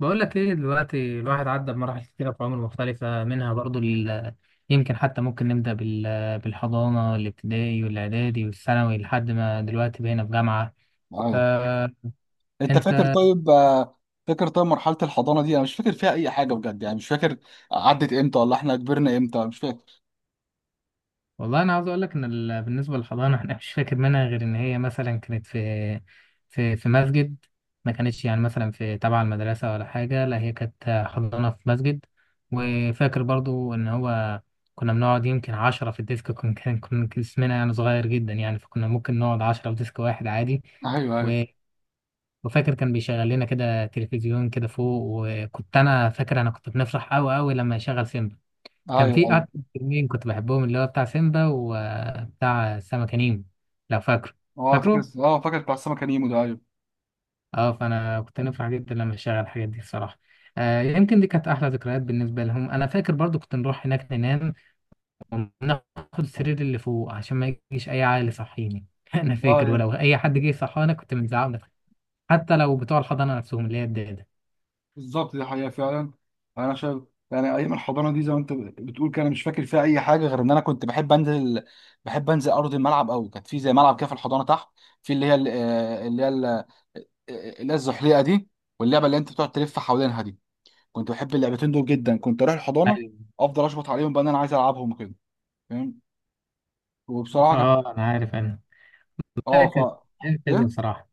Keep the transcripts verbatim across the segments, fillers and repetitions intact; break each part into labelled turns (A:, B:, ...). A: بقول لك ايه دلوقتي؟ الواحد عدى بمراحل كتيرة في عمر مختلفة منها برضو ال- يمكن حتى ممكن نبدأ بال- بالحضانة، الابتدائي والإعدادي والثانوي لحد ما دلوقتي بقينا في جامعة.
B: ايوه.
A: فأنت
B: انت فاكر طيب آه، فاكر طيب، مرحله الحضانه دي انا مش فاكر فيها اي حاجه بجد، يعني مش فاكر عدت امتى ولا احنا كبرنا امتى، مش فاكر.
A: والله انا عاوز اقول لك ان ال- بالنسبه للحضانه احنا مش فاكر منها غير ان هي مثلا كانت في في في مسجد. ما كانتش يعني مثلا في تبع المدرسه ولا حاجه، لا هي كانت حضانه في مسجد. وفاكر برضو ان هو كنا بنقعد يمكن عشرة في الديسك، كنا كان كنا اسمنا يعني صغير جدا، يعني فكنا ممكن نقعد عشرة في ديسك واحد عادي.
B: ايوه ايوه.
A: و- وفاكر كان بيشغل لنا كده تلفزيون كده فوق، وكنت انا فاكر انا كنت بنفرح قوي قوي لما يشغل سيمبا.
B: ايوه
A: كان في
B: ايوه.
A: أكتر فيلمين كنت بحبهم اللي هو بتاع سيمبا وبتاع سمكة نيمو، لو فاكره؟
B: اه فاكر،
A: فاكره؟
B: اه فاكر بتاع السمكه نيمو ده، ايوه.
A: اه، فأنا كنت نفرح جدا لما أشغل الحاجات دي الصراحة. آه يمكن دي كانت أحلى ذكريات بالنسبة لهم. أنا فاكر برضو كنت نروح هناك ننام وناخد السرير اللي فوق عشان ما يجيش أي عائل يصحيني أنا
B: اه،
A: فاكر
B: يعني
A: ولو أي حد جه يصحانا كنت بنزعق، حتى لو بتوع الحضانة نفسهم اللي هي الدادة.
B: بالظبط، دي حقيقه فعلا. انا شايف يعني ايام الحضانه دي، زي ما انت بتقول كده، انا مش فاكر فيها اي حاجه غير ان انا كنت بحب انزل، بحب انزل ارض الملعب قوي. كانت في زي ملعب كده في الحضانه تحت، في اللي هي ال- آه، اللي هي ال- آه، آه، اللي هي الزحليقه دي، واللعبه اللي انت بتقعد تلف حوالينها دي. كنت بحب اللعبتين دول جدا، كنت اروح الحضانه
A: أيوة،
B: افضل اشبط عليهم بقى ان انا عايز العبهم وكده، فاهم. وبصراحه كانت،
A: اه أنا عارف، أنا
B: اه ف
A: فاكر. أيام
B: ايه
A: حلوة صراحة.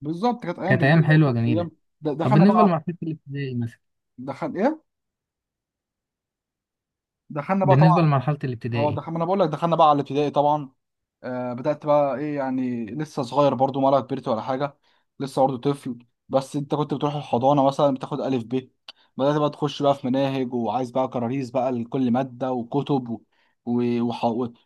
B: بالظبط كانت ايام
A: كانت أيام
B: جميله
A: حلوة
B: وكانت ايام.
A: جميلة.
B: د-
A: طب
B: دخلنا
A: بالنسبة
B: بقى
A: لمرحلة الابتدائي مثلا،
B: دخل ايه دخلنا بقى طبعا.
A: بالنسبة لمرحلة
B: اه
A: الابتدائي،
B: دخلنا، انا بقول لك، دخلنا بقى على الابتدائي طبعا. آه، بدأت بقى ايه؟ يعني لسه صغير برضو ولا كبرت ولا حاجة؟ لسه برضو طفل. بس انت كنت بتروح الحضانة مثلا بتاخد ألف ب، بدأت بقى تخش بقى في مناهج وعايز بقى كراريس بقى لكل مادة وكتب و... و... وح...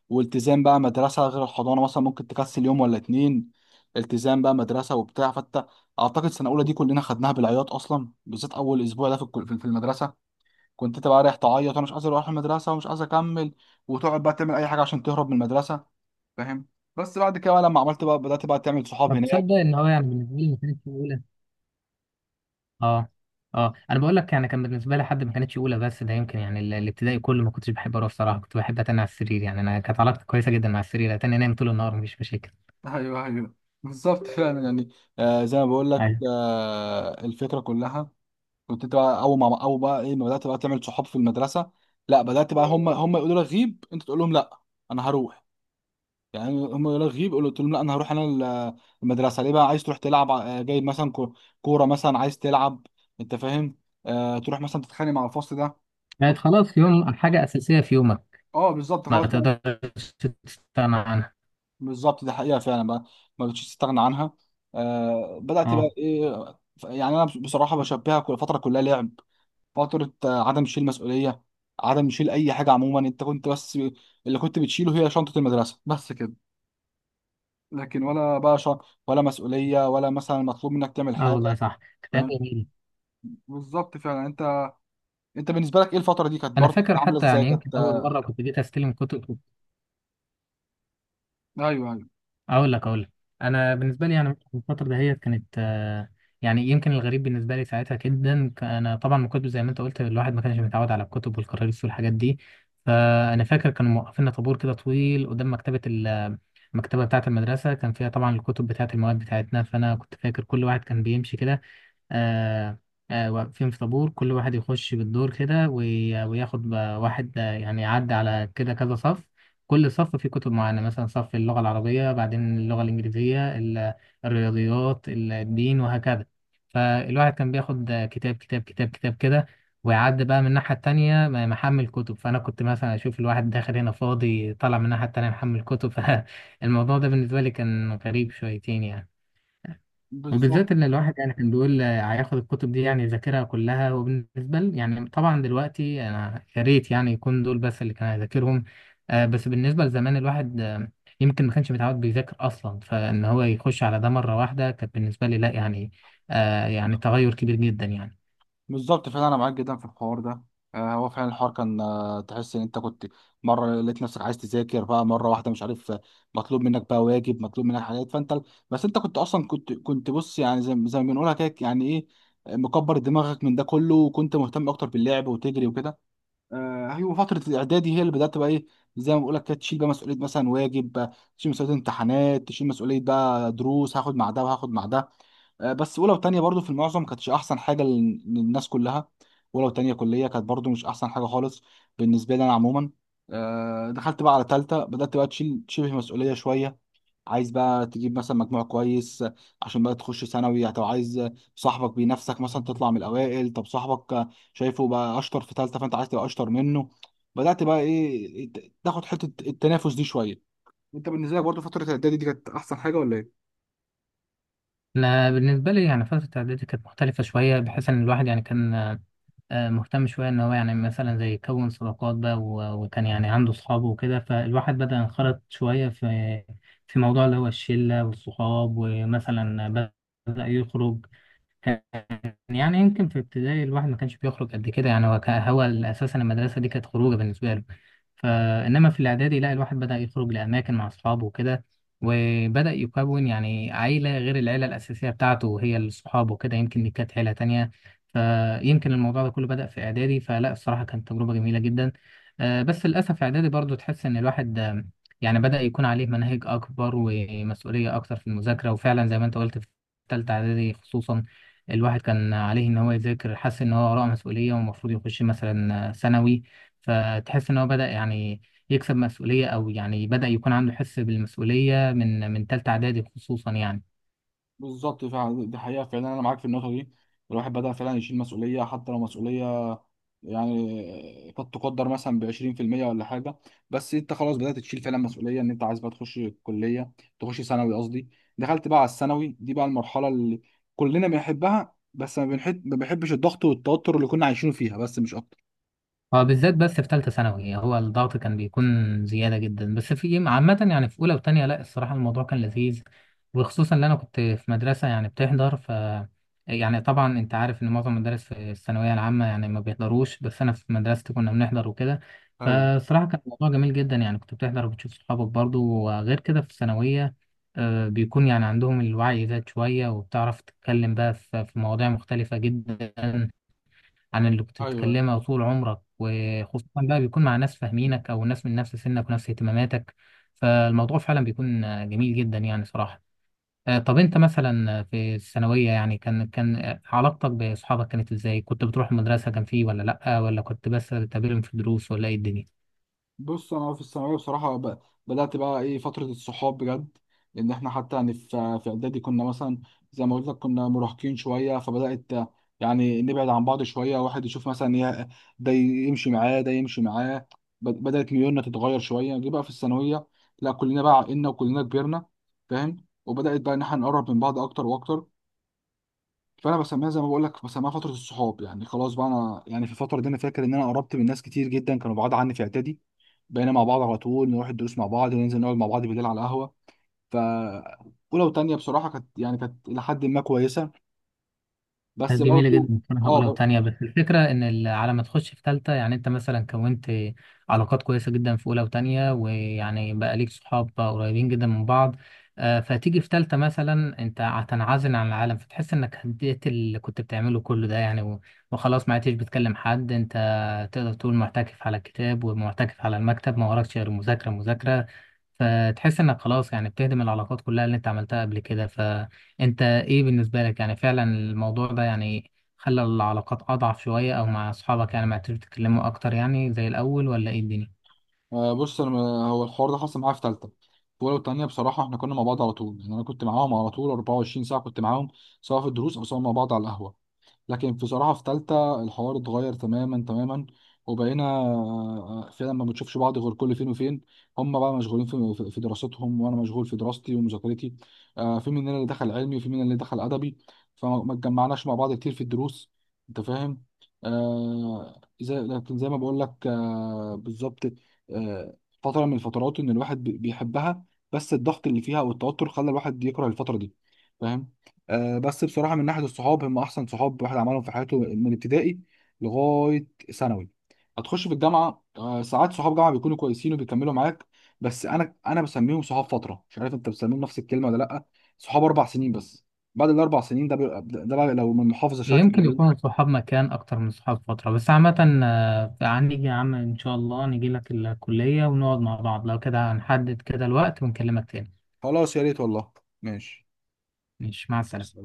B: والتزام بقى مدرسة، غير الحضانة مثلا ممكن تكسل يوم ولا اتنين. التزام بقى مدرسة وبتاع، فانت أعتقد سنة أولى دي كلنا خدناها بالعياط أصلا، بالذات أول أسبوع ده في الكل- في في المدرسة، كنت أنت بقى رايح تعيط وأنا مش عايز أروح المدرسة ومش عايز أكمل، وتقعد بقى تعمل أي حاجة عشان تهرب من المدرسة، فاهم. بس بعد كده بقى، لما عملت بقى بدأت بقى تعمل
A: ما
B: صحاب هناك.
A: بتصدق ان هو يعني بالنسبة لي ما كانتش اولى. اه، اه انا بقول لك يعني كان بالنسبة لي حد ما كانتش اولى، بس ده يمكن يعني ال- الابتدائي كله ما كنتش بحب اروح الصراحة. كنت بحب اتنى على السرير، يعني انا كانت علاقتي كويسة جدا مع السرير، اتنى انام طول النهار مفيش مشاكل.
B: ايوه ايوه. بالظبط فعلا يعني، آه زي ما بقول لك،
A: ايوه،
B: آه الفكرة كلها. كنت انت بقى اول ما، اول بقى ايه، ما بدأت بقى تعمل صحاب في المدرسة، لا بدأت بقى هم هم يقولوا لك غيب، انت تقول لهم لا، انا هروح. يعني هم يقولوا لك غيب، قلت لهم لا انا هروح انا ال- المدرسة، ليه بقى عايز تروح تلعب؟ آه، جايب مثلا كو- كورة مثلا عايز تلعب، انت فاهم. آه تروح مثلا تتخانق مع الفصل ده. طب-
A: بقت خلاص يوم حاجة اساسية في يومك،
B: اه بالظبط،
A: ما
B: خلاص.
A: تقدرش تستغنى عنها.
B: بالظبط دي حقيقة فعلا بقى، ما بقتش تستغنى عنها. آه بدأت بقى
A: اه،
B: ايه؟ ف- يعني انا بصراحة بشبهها كل فترة كلها لعب، فترة آه، عدم شيل مسؤولية، عدم شيل اي حاجة عموما. انت كنت بس، اللي كنت بتشيله هي شنطة المدرسة بس كده، لكن ولا بقى ش... ولا مسؤولية ولا مثلا مطلوب منك تعمل
A: اه والله
B: حاجة،
A: صح، كتاب
B: فاهم.
A: جميل.
B: بالظبط فعلا، انت، انت بالنسبة لك ايه؟ الفترة دي كانت
A: انا
B: برضه
A: فاكر
B: عاملة
A: حتى
B: ازاي؟
A: يعني يمكن
B: كانت
A: اول
B: آه،
A: مرة كنت جيت استلم كتب.
B: ايوه. ايوه
A: اقول لك اقول لك انا بالنسبه لي يعني الفتره دهيت كانت، آه، يعني يمكن الغريب بالنسبه لي ساعتها جدا، ك- انا طبعا من كتب زي ما انت قلت الواحد ما كانش متعود على الكتب والكراريس والحاجات دي. فانا فاكر كانوا موقفين طابور كده طويل قدام مكتبه ال- المكتبه بتاعه المدرسه، كان فيها طبعا الكتب بتاعه المواد بتاعتنا. فانا كنت فاكر كل واحد كان بيمشي كده، آه، آه، واقفين في طابور، كل واحد يخش بالدور كده وي- وياخد ب- واحد، آه، يعني يعدي على كده كذا صف. كل صف فيه كتب معينة، مثلا صف اللغة العربية، بعدين اللغة الإنجليزية، ال- الرياضيات، ال- الدين، وهكذا. فالواحد كان بياخد آه، كتاب كتاب كتاب كتاب كده، ويعدي بقى من الناحية التانية م- محمل كتب. فأنا كنت مثلا أشوف الواحد داخل هنا فاضي طالع من الناحية التانية محمل كتب فالموضوع ده بالنسبة لي كان غريب شويتين يعني.
B: بالظبط.
A: وبالذات ان الواحد يعني كان بيقول آه، هياخد الكتب دي يعني يذاكرها كلها، وبالنسبه لي يعني طبعا دلوقتي انا يا ريت يعني يكون دول بس اللي كان هيذاكرهم. آه، بس بالنسبه لزمان الواحد، آه، يمكن ما كانش متعود بيذاكر اصلا، فان هو يخش على ده مره واحده كانت بالنسبه لي لا يعني، آه، يعني تغير كبير جدا يعني.
B: بالظبط فعلا انا معاك جدا في الحوار ده. آه، هو فعلا الحوار كان، آه، تحس ان انت كنت مره لقيت نفسك عايز تذاكر بقى مره واحده، مش عارف آه، مطلوب منك بقى واجب، مطلوب منك حاجات، فانت بس انت كنت اصلا كنت كنت بص، يعني زي زي ما بنقولها كده، يعني ايه، آه، مكبر دماغك من ده كله وكنت مهتم اكتر باللعب وتجري وكده. آه، ايوه، فتره الاعدادي هي اللي بدات بقى ايه، زي ما بقول لك كده تشيل بقى مسؤوليه مثلا، واجب، آه، تشيل مسؤوليه امتحانات، تشيل مسؤوليه بقى دروس هاخد مع ده وهاخد مع ده. آه، بس اولى وتانية برضو في المعظم كانتش احسن حاجه لل- للناس كلها. اولى وتانية كليه كانت برضو مش احسن حاجه خالص بالنسبه لي انا عموما. آه، دخلت بقى على تالتة، بدات بقى تشيل شبه مسؤوليه شويه، عايز بقى تجيب مثلا مجموع كويس آه، عشان بقى تخش ثانوي. طب عايز آه، صاحبك بينافسك مثلا، تطلع من الاوائل، طب صاحبك آه، شايفه بقى اشطر في تالتة فانت عايز تبقى اشطر منه. بدات بقى ايه، إيه، ت- تاخد حته التنافس دي شويه. انت بالنسبه لك برضو فتره الاعدادي دي كانت احسن حاجه ولا ايه؟
A: انا بالنسبه لي يعني فتره اعدادي كانت مختلفه شويه، بحيث ان الواحد يعني كان آه، مهتم شوية إن هو يعني مثلا زي يكون صداقات بقى، و- وكان يعني عنده صحابه وكده. فالواحد بدأ ينخرط شوية في في موضوع اللي هو الشلة والصحاب، ومثلا بدأ يخرج. كان يعني يمكن في ابتدائي الواحد ما كانش بيخرج قد كده، يعني هو كا- هو اساسا المدرسه دي كانت خروجه بالنسبه له. فانما في الاعدادي لا، الواحد بدا يخرج لاماكن مع اصحابه وكده، وبدا يكون يعني عيله غير العيله الاساسيه بتاعته، وهي الصحاب وكده، يمكن دي كانت عيله تانية. فيمكن الموضوع ده كله بدا في اعدادي، فلا الصراحه كانت تجربه جميله جدا. آه، بس للاسف اعدادي برضو تحس ان الواحد، آه، يعني بدا يكون عليه مناهج اكبر ومسؤوليه اكتر في المذاكره، وفعلا زي ما انت قلت في تالتة اعدادي خصوصا، الواحد كان عليه ان هو يذاكر، حس ان هو وراه مسؤوليه ومفروض يخش مثلا ثانوي. فتحس ان هو بدا يعني يكسب مسؤوليه، او يعني بدا يكون عنده حس بالمسؤوليه من من ثالثه اعدادي خصوصا يعني.
B: بالظبط فعلا، دي حقيقة فعلا، أنا معاك في النقطة دي. الواحد بدأ فعلا يشيل مسؤولية، حتى لو مسؤولية يعني قد تقدر مثلا ب عشرين بالمية ولا حاجة، بس أنت خلاص بدأت تشيل فعلا مسؤولية إن أنت عايز بقى تخش الكلية، تخش ثانوي قصدي. دخلت بقى على الثانوي، دي بقى المرحلة اللي كلنا بنحبها، بس ما بنحب ما بنحبش الضغط والتوتر اللي كنا عايشينه فيها، بس مش أكتر.
A: هو بالذات بس في ثالثة ثانوي يعني هو الضغط كان بيكون زيادة جدا، بس في عامة يعني في أولى وتانية لا الصراحة الموضوع كان لذيذ. وخصوصا إن أنا كنت في مدرسة يعني بتحضر، ف يعني طبعا أنت عارف إن معظم المدارس في الثانوية العامة يعني ما بيحضروش، بس أنا في مدرستي كنا بنحضر وكده.
B: ايوه
A: فالصراحة كان الموضوع جميل جدا يعني، كنت بتحضر وبتشوف صحابك برضو، وغير كده في الثانوية آه، بيكون يعني عندهم الوعي زاد شوية، وبتعرف تتكلم بقى في في مواضيع مختلفة جدا عن اللي كنت
B: ايوه.
A: بتتكلمها طول عمرك، وخصوصا بقى بيكون مع ناس فاهمينك او ناس من نفس سنك ونفس اهتماماتك. فالموضوع فعلا بيكون آه، جميل جدا يعني صراحة. آه، طب انت مثلا في الثانوية يعني كان كان آه، علاقتك بأصحابك كانت ازاي؟ كنت بتروح المدرسة كان فيه ولا لأ؟ ولا كنت بس بتقابلهم في الدروس؟ ولا ايه الدنيا؟
B: بص انا في الثانويه بصراحه ب- بدات بقى ايه فتره الصحاب بجد، لان احنا حتى يعني في في اعدادي كنا مثلا، زي ما قلت لك، كنا مراهقين شويه، فبدات يعني نبعد عن بعض شويه، واحد يشوف مثلا يه- ده يمشي معاه ده يمشي معاه، ب- بدات ميولنا تتغير شويه. جه بقى في الثانويه، لا كلنا بقى عقلنا وكلنا كبرنا، فاهم، وبدات بقى ان احنا نقرب من بعض اكتر واكتر. فانا بسميها، زي ما بقول لك، بسميها فتره الصحاب. يعني خلاص بقى انا، يعني في الفتره دي انا فاكر ان انا قربت من ناس كتير جدا كانوا بعاد عني في اعدادي. بقينا مع بعض على طول، نروح الدروس مع بعض، وننزل نقعد مع بعض بالليل على القهوه. ف اولى وتانيه بصراحه كانت، يعني كانت الى حد ما كويسه، بس
A: كانت جميلة
B: برضه.
A: جدا بصراحة
B: اه
A: أولى
B: بر-
A: وتانية، بس الفكرة إن ال- على ما تخش في تالتة، يعني أنت مثلا كونت علاقات كويسة جدا في أولى وتانية، ويعني بقى ليك صحاب قريبين جدا من بعض. آه، فتيجي في تالتة مثلا أنت هتنعزل عن العالم، فتحس إنك هديت اللي كنت بتعمله كله ده يعني، و- وخلاص ما عدتش بتكلم حد. أنت تقدر تقول معتكف على الكتاب ومعتكف على المكتب، ما وراكش غير مذاكرة مذاكرة. فتحس إنك خلاص يعني بتهدم العلاقات كلها اللي أنت عملتها قبل كده. انت ايه بالنسبة لك؟ يعني فعلا الموضوع ده يعني خلى العلاقات اضعف شوية، او مع اصحابك يعني ما عرفتوا تتكلموا اكتر يعني زي الاول، ولا ايه الدنيا؟
B: آه، بص انا، هو الحوار ده حصل معايا في ثالثه. في اولى وتانيه بصراحه احنا كنا مع بعض على طول، يعني انا كنت معاهم على طول اربع وعشرين ساعه، كنت معاهم سواء في الدروس او سواء مع بعض على القهوه. لكن بصراحة في تالتة الحوار اتغير تماما تماما، وبقينا آه، فعلا ما بنشوفش بعض غير كل فين وفين. هم بقى مشغولين في في- في دراستهم، وانا مشغول في دراستي ومذاكرتي، آه، في مننا اللي دخل علمي وفي مننا اللي دخل ادبي، فما اتجمعناش مع بعض كتير في الدروس، انت فاهم. آه، زي لكن زي ما بقول لك، آه، بالظبط آه، فترة من الفترات ان الواحد بي- بيحبها، بس الضغط اللي فيها والتوتر خلى الواحد يكره الفترة دي، فاهم. آه، بس بصراحه من ناحيه الصحاب، هم احسن صحاب الواحد عملهم في حياته من ابتدائي لغايه ثانوي. هتخش في الجامعه، آه، ساعات صحاب جامعه بيكونوا كويسين وبيكملوا معاك، بس انا انا بسميهم صحاب فتره، مش عارف انت بتسميهم نفس الكلمه ولا لا. صحاب اربع سنين بس، بعد الاربع سنين ده بيبقى- ده بقى لو من محافظه شكل
A: يمكن يكون
B: بيروح.
A: الصحاب مكان اكتر من الصحاب فترة، بس عامة آه، هنيجي يا عم ان شاء الله، نجي لك الكلية ونقعد مع بعض، لو كده هنحدد كده الوقت ونكلمك تاني.
B: خلاص يا ريت والله، ماشي.
A: مش مع السلامة.